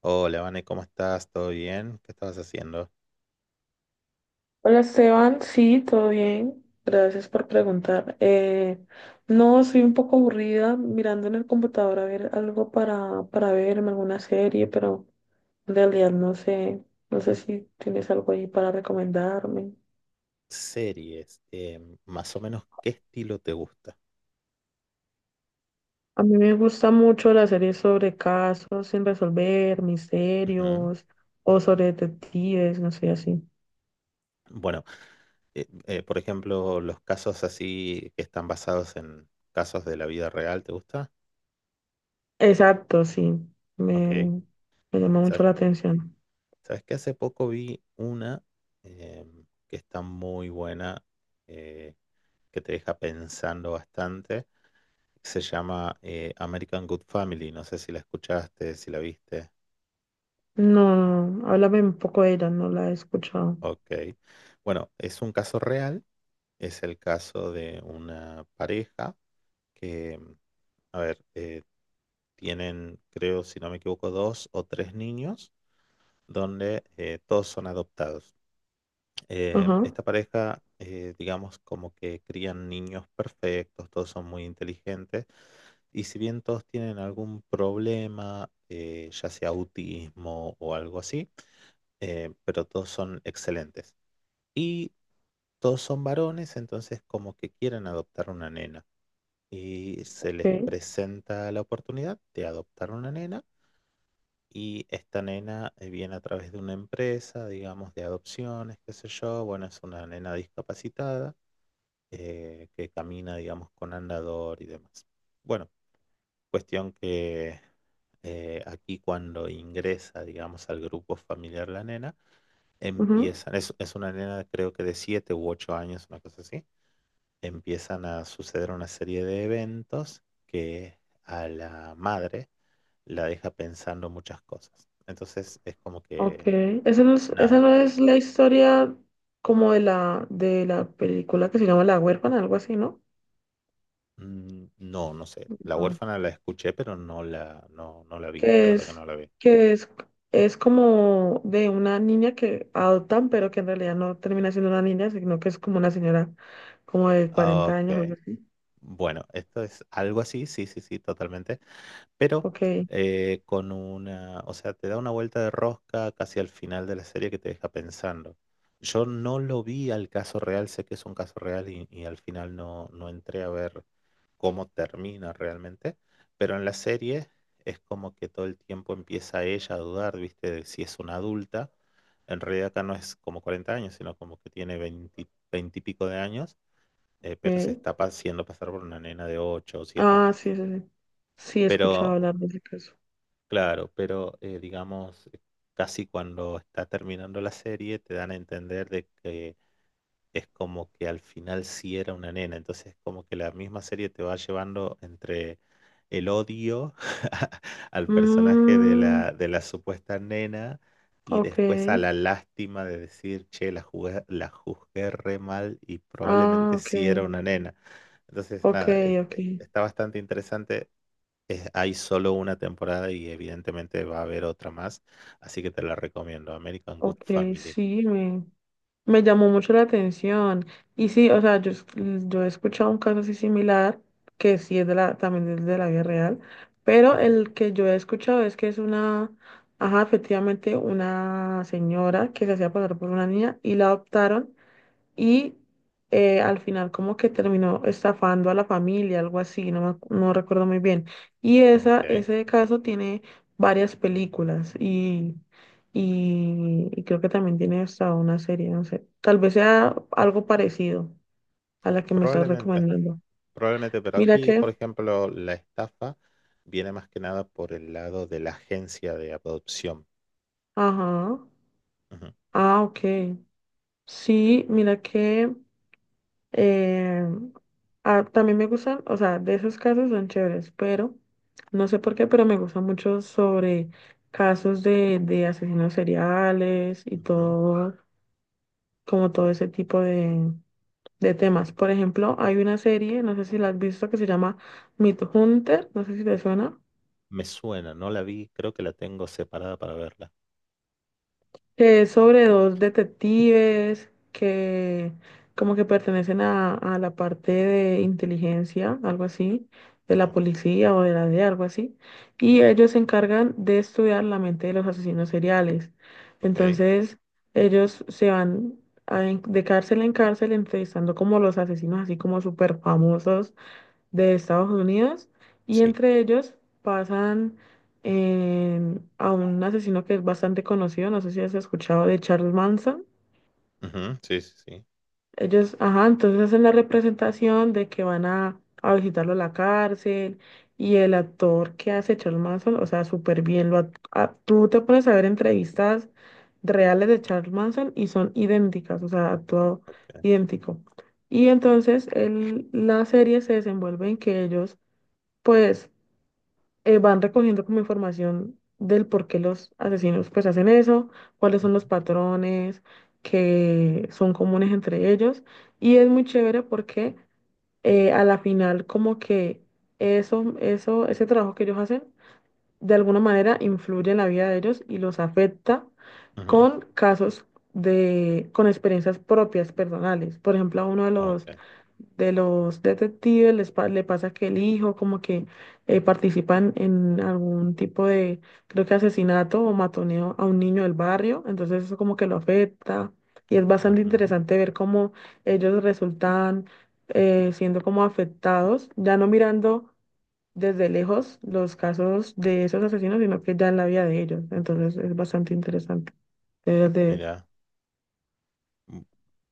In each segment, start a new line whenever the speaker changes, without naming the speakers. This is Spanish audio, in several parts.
Hola, Vane, ¿cómo estás? ¿Todo bien? ¿Qué estabas haciendo?
Hola Esteban, sí, todo bien. Gracias por preguntar. No, estoy un poco aburrida mirando en el computador a ver algo para verme, alguna serie, pero en realidad no sé si tienes algo ahí para recomendarme.
Series, más o menos, ¿qué estilo te gusta?
A mí me gusta mucho las series sobre casos sin resolver,
Ujú.
misterios o sobre detectives, no sé, así.
Bueno, por ejemplo, los casos así que están basados en casos de la vida real, ¿te gusta?
Exacto, sí,
Ok,
me, me llama mucho
¿sabes?
la atención.
¿Sabes que hace poco vi una que está muy buena, eh, que te deja pensando bastante? Se llama American Good Family, no sé si la escuchaste, si la viste.
No, no, háblame un poco de ella, no la he escuchado.
Ok. Bueno, es un caso real, es el caso de una pareja que, a ver, tienen, creo, si no me equivoco, dos o tres niños, donde todos son adoptados.
Ajá,
Esta pareja, digamos, como que crían niños perfectos, todos son muy inteligentes, y si bien todos tienen algún problema, ya sea autismo o algo así, pero todos son excelentes. Y todos son varones, entonces como que quieren adoptar una nena. Y se
ok,
les presenta la oportunidad de adoptar una nena, y esta nena viene a través de una empresa, digamos, de adopciones, qué sé yo. Bueno, es una nena discapacitada que camina, digamos, con andador y demás. Bueno, cuestión que aquí cuando ingresa, digamos, al grupo familiar la nena,
ujú,
es una nena creo que de 7 u 8 años, una cosa así, empiezan a suceder una serie de eventos que a la madre la deja pensando muchas cosas. Entonces es como
ok.
que,
Esa
nada,
no es la historia como de la película que se llama La huérfana, algo así, ¿no?
no, no sé. La
No.
huérfana la escuché, pero no la vi, la
Que
verdad que
es,
no la vi.
que es, es como de una niña que adoptan, pero que en realidad no termina siendo una niña, sino que es como una señora como de 40
Ok,
años, algo así.
bueno, esto es algo así, sí, sí, sí, totalmente, pero
Ok,
con una, o sea, te da una vuelta de rosca casi al final de la serie que te deja pensando. Yo no lo vi al caso real, sé que es un caso real y al final no entré a ver cómo termina realmente, pero en la serie es como que todo el tiempo empieza ella a dudar, ¿viste? De si es una adulta. En realidad acá no es como 40 años, sino como que tiene 20 20 y pico de años, pero se
ok.
está haciendo pasar por una nena de 8 o 7
Ah,
años.
sí, sí, sí. Sí, he
Pero,
escuchado hablar de ese caso.
claro, pero digamos, casi cuando está terminando la serie te dan a entender de que es como que al final sí era una nena, entonces es como que la misma serie te va llevando entre el odio al personaje de
Mm,
la supuesta nena y
ok,
después a la lástima de decir, che, la juzgué re mal y
ah,
probablemente
ok,
sí era una nena. Entonces,
ok,
nada,
ok,
está bastante interesante, hay solo una temporada y evidentemente va a haber otra más, así que te la recomiendo, American Good
ok,
Family.
sí, me llamó mucho la atención. Y sí, o sea, yo, yo he escuchado un caso así similar, que sí es también es de la vida real, pero
Ujú.
el que yo he escuchado es que es una, ajá, efectivamente, una señora que se hacía pasar por una niña y la adoptaron y al final como que terminó estafando a la familia, algo así, no, no recuerdo muy bien. Y
Ok,
ese caso tiene varias películas y creo que también tiene hasta una serie, no sé, tal vez sea algo parecido a la que me estás
probablemente,
recomendando.
probablemente, pero
Mira
aquí, por
que,
ejemplo, la estafa viene más que nada por el lado de la agencia de adopción.
ajá,
Ujú.
ah, ok. Sí, mira que... Eh, ah, también me gustan, o sea, de esos casos son chéveres, pero no sé por qué, pero me gustan mucho sobre casos de asesinos seriales y
Ujú.
todo, como todo ese tipo de
Sí.
temas. Por ejemplo, hay una serie, no sé si la has visto, que se llama Meat Hunter, no sé si te suena,
Me suena, no la vi, creo que la tengo separada para verla.
que es sobre dos detectives que como que pertenecen a la parte de inteligencia, algo así, de
Ujú.
la policía o de la DEA, algo así, y ellos se encargan de estudiar la mente de los asesinos seriales.
Ok,
Entonces, ellos se van de cárcel en cárcel entrevistando como los asesinos así como súper famosos de Estados Unidos y
sí.
entre ellos pasan a un asesino que es bastante conocido, no sé si has escuchado de Charles Manson.
Ujú, sí, sí, sí.
Ellos, ajá, entonces hacen la representación de que van a visitarlo a la cárcel y el actor que hace Charles Manson, o sea, súper bien, tú te pones a ver entrevistas reales de Charles Manson y son idénticas, o sea, actuado
Ok.
idéntico. Y entonces la serie se desenvuelve en que ellos pues van recogiendo como información del por qué los asesinos pues hacen eso, cuáles son
Ujú,
los patrones que son comunes entre ellos. Y es muy chévere porque a la final como que ese trabajo que ellos hacen de alguna manera influye en la vida de ellos y los afecta
ujú.
con con experiencias propias personales. Por ejemplo, a uno de los
Ok.
detectives le pasa que el hijo como que participan en algún tipo de, creo que asesinato o matoneo a un niño del barrio, entonces eso como que lo afecta y es bastante
Ujú.
interesante ver cómo ellos resultan siendo como afectados, ya no mirando desde lejos los casos de esos asesinos, sino que ya en la vida de ellos, entonces es bastante interesante. Deberías de-
Mira.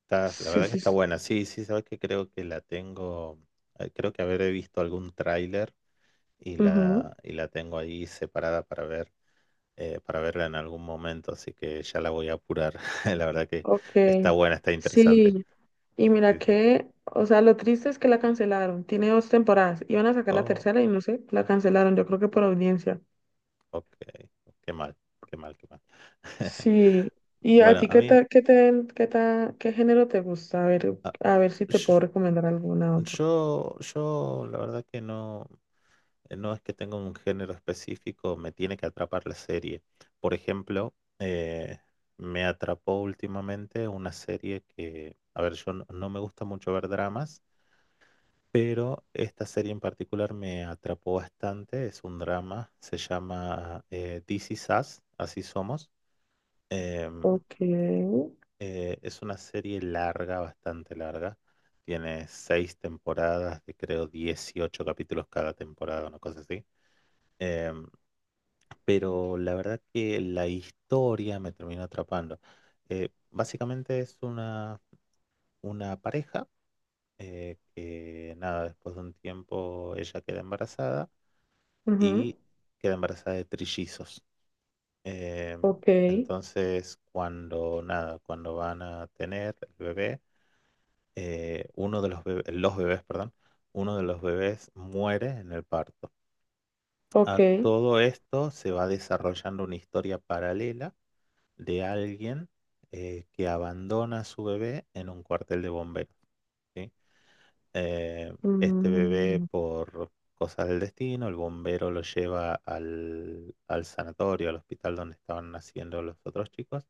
Está, la
Sí,
verdad que
sí,
está
sí.
buena. Sí, sí, sabes que creo que la tengo, creo que habré visto algún tráiler
Ujú.
y la tengo ahí separada para ver, para verla en algún momento, así que ya la voy a apurar. La verdad que
Ok.
está buena, está interesante.
Sí, y mira
Sí, sí, sí.
que, o sea, lo triste es que la cancelaron. Tiene dos temporadas. Iban a sacar la
Oh,
tercera y no sé, la cancelaron, yo creo que por audiencia.
ok. Qué mal, qué mal, qué mal.
Sí. ¿Y a
Bueno,
ti
a
qué
mí,
ta- qué te, qué ta- qué género te gusta?
ah,
A ver si te
yo,
puedo recomendar alguna otra.
yo la verdad que no, no es que tenga un género específico, me tiene que atrapar la serie. Por ejemplo, me atrapó últimamente una serie que, a ver, yo no me gusta mucho ver dramas, pero esta serie en particular me atrapó bastante, es un drama, se llama This Is Us, Así Somos. Em,
Ok,
es una serie larga, bastante larga. Tiene seis temporadas de creo 18 capítulos cada temporada, una cosa así. Em, pero la verdad que la historia me terminó atrapando. Básicamente es una pareja que, nada, después de un tiempo ella queda embarazada
ujú,
y queda embarazada de trillizos. Em,
ok,
entonces, cuando, nada, cuando van a tener el bebé uno de los bebés, perdón, uno de los bebés muere en el parto.
ok,
A todo esto se va desarrollando una historia paralela de alguien que abandona a su bebé en un cuartel de bomberos. ¿Sí? Eh, este bebé
mm,
por cosas del destino, el bombero lo lleva al sanatorio, al hospital donde estaban naciendo los otros chicos,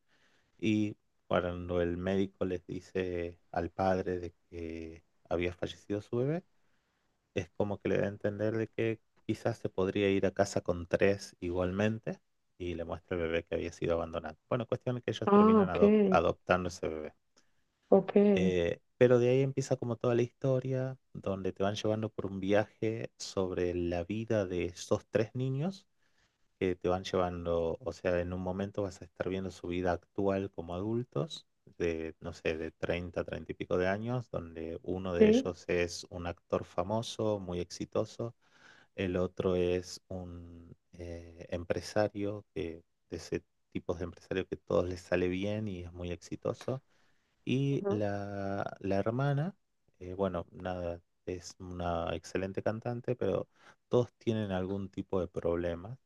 y cuando el médico les dice al padre de que había fallecido su bebé, es como que le da a entender de que quizás se podría ir a casa con tres igualmente, y le muestra el bebé que había sido abandonado. Bueno, cuestión es que ellos
ah,
terminan
ok,
adoptando ese bebé.
ok,
Pero de ahí empieza como toda la historia, donde te van llevando por un viaje sobre la vida de esos tres niños, que te van llevando, o sea, en un momento vas a estar viendo su vida actual como adultos, de, no sé, de 30, 30 y pico de años, donde uno de
sí,
ellos es un actor famoso, muy exitoso, el otro es un empresario, que, de ese tipo de empresario que todos les sale bien y es muy exitoso, y
ujú,
la hermana, bueno, nada, es una excelente cantante, pero todos tienen algún tipo de problema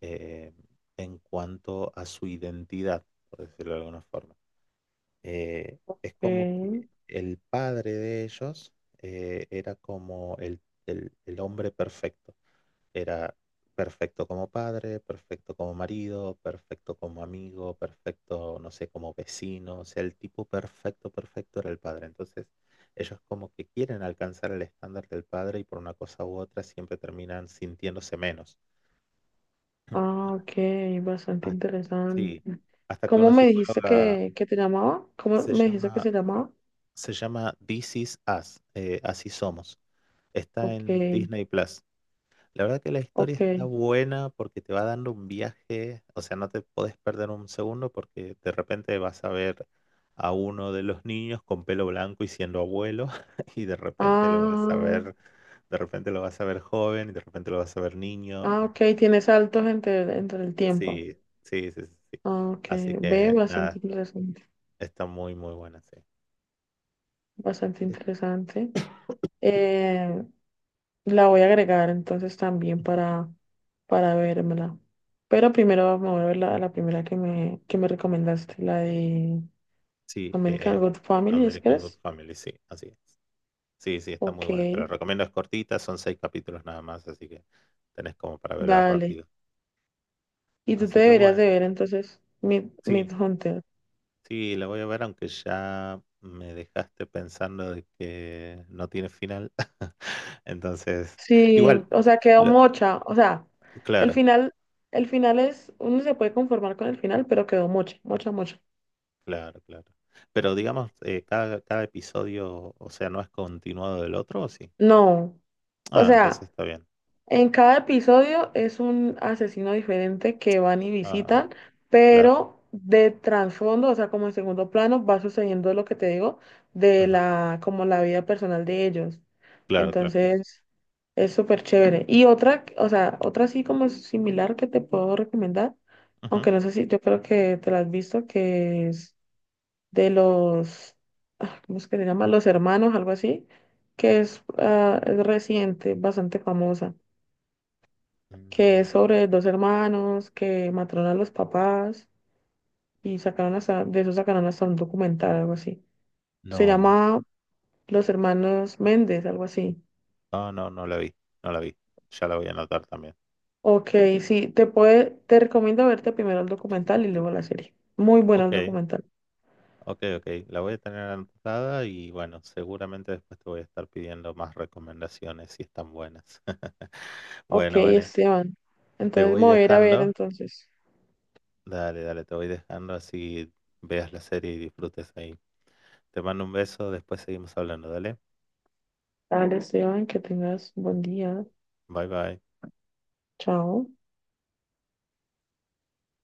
eh, en cuanto a su identidad, por decirlo de alguna forma. Es como que
ok,
el padre de ellos era como el hombre perfecto. Era perfecto como padre, perfecto como marido, perfecto como amigo, perfecto, no sé, como vecino. O sea, el tipo perfecto, perfecto era el padre. Entonces, ellos como que quieren alcanzar el estándar del padre y por una cosa u otra siempre terminan sintiéndose menos.
ah, ok, bastante
Hasta. Sí,
interesante.
hasta que
¿Cómo
una
me dijiste
psicóloga.
que te llamaba? ¿Cómo
se
me dijiste que
llama,
se llamaba?
se llama This Is Us, Así Somos. Está
Ok,
en Disney Plus. La verdad que la historia
ok.
está buena porque te va dando un viaje, o sea, no te podés perder un segundo porque de repente vas a ver a uno de los niños con pelo blanco y siendo abuelo y
Ah,
de repente lo vas a ver joven y de repente lo vas a ver niño. ¿Me
ok,
entendés?
tiene saltos entre, entre el tiempo.
Sí, sí, sí, sí. Sí.
Ah, ok,
Así
ve,
que
bastante
nada,
interesante.
está muy, muy buena, sí.
Bastante
De-
interesante. Eh, la voy a agregar entonces también para vérmela. Pero primero me voy a ver la primera que que me recomendaste, la de
Sí,
American Good Family, ¿es que
American Good
es?
Family, sí, así es. Sí, sí, está muy
Ok.
buena. Te la recomiendo, es cortita, son seis capítulos nada más, así que tenés como para verla
Dale.
rápido.
Y tú te
Así que
deberías de
bueno,
ver entonces Mid,
sí,
Hunter.
sí, la voy a ver, aunque ya me dejaste pensando de que no tiene final. Entonces,
Sí,
igual,
o sea, quedó
lo-
mocha. O sea, el
claro,
final, el final es, uno se puede conformar con el final, pero quedó mocha, mocha, mocha.
claro, claro. Pero digamos, cada episodio, o sea, no es continuado del otro, ¿o sí?
No. O
Ah, entonces
sea,
está bien.
en cada episodio es un asesino diferente que van y visitan,
Ah, claro.
pero de trasfondo, o sea, como en segundo plano, va sucediendo lo que te digo como la vida personal de ellos.
Claro, claro, claro.
Entonces, es súper chévere. Y otra, o sea, otra así como similar que te puedo recomendar,
Ujú.
aunque no sé si yo creo que te la has visto, que es de los, ah, ¿cómo es que se llama? Los hermanos, algo así, que es, ah, es reciente, bastante famosa, que
Mm,
es sobre dos hermanos que mataron a los papás y sacaron hasta, de eso sacaron hasta un documental, algo así. Se
No, no.
llama Los Hermanos Méndez, algo así.
No, no, no la vi. No la vi. Ya la voy a anotar también.
Ok, sí, te recomiendo verte primero el documental y luego la serie. Muy bueno el
Ok,
documental.
ok, ok. La voy a tener anotada y bueno, seguramente después te voy a estar pidiendo más recomendaciones si están buenas.
Ok,
Bueno, Vane,
Esteban.
te
Entonces
voy
me voy a ir a ver
dejando.
entonces.
Dale, dale, te voy dejando así veas la serie y disfrutes ahí. Te mando un beso, después seguimos hablando, dale.
Dale, Esteban, que tengas buen día.
Bye, bye.
Chao.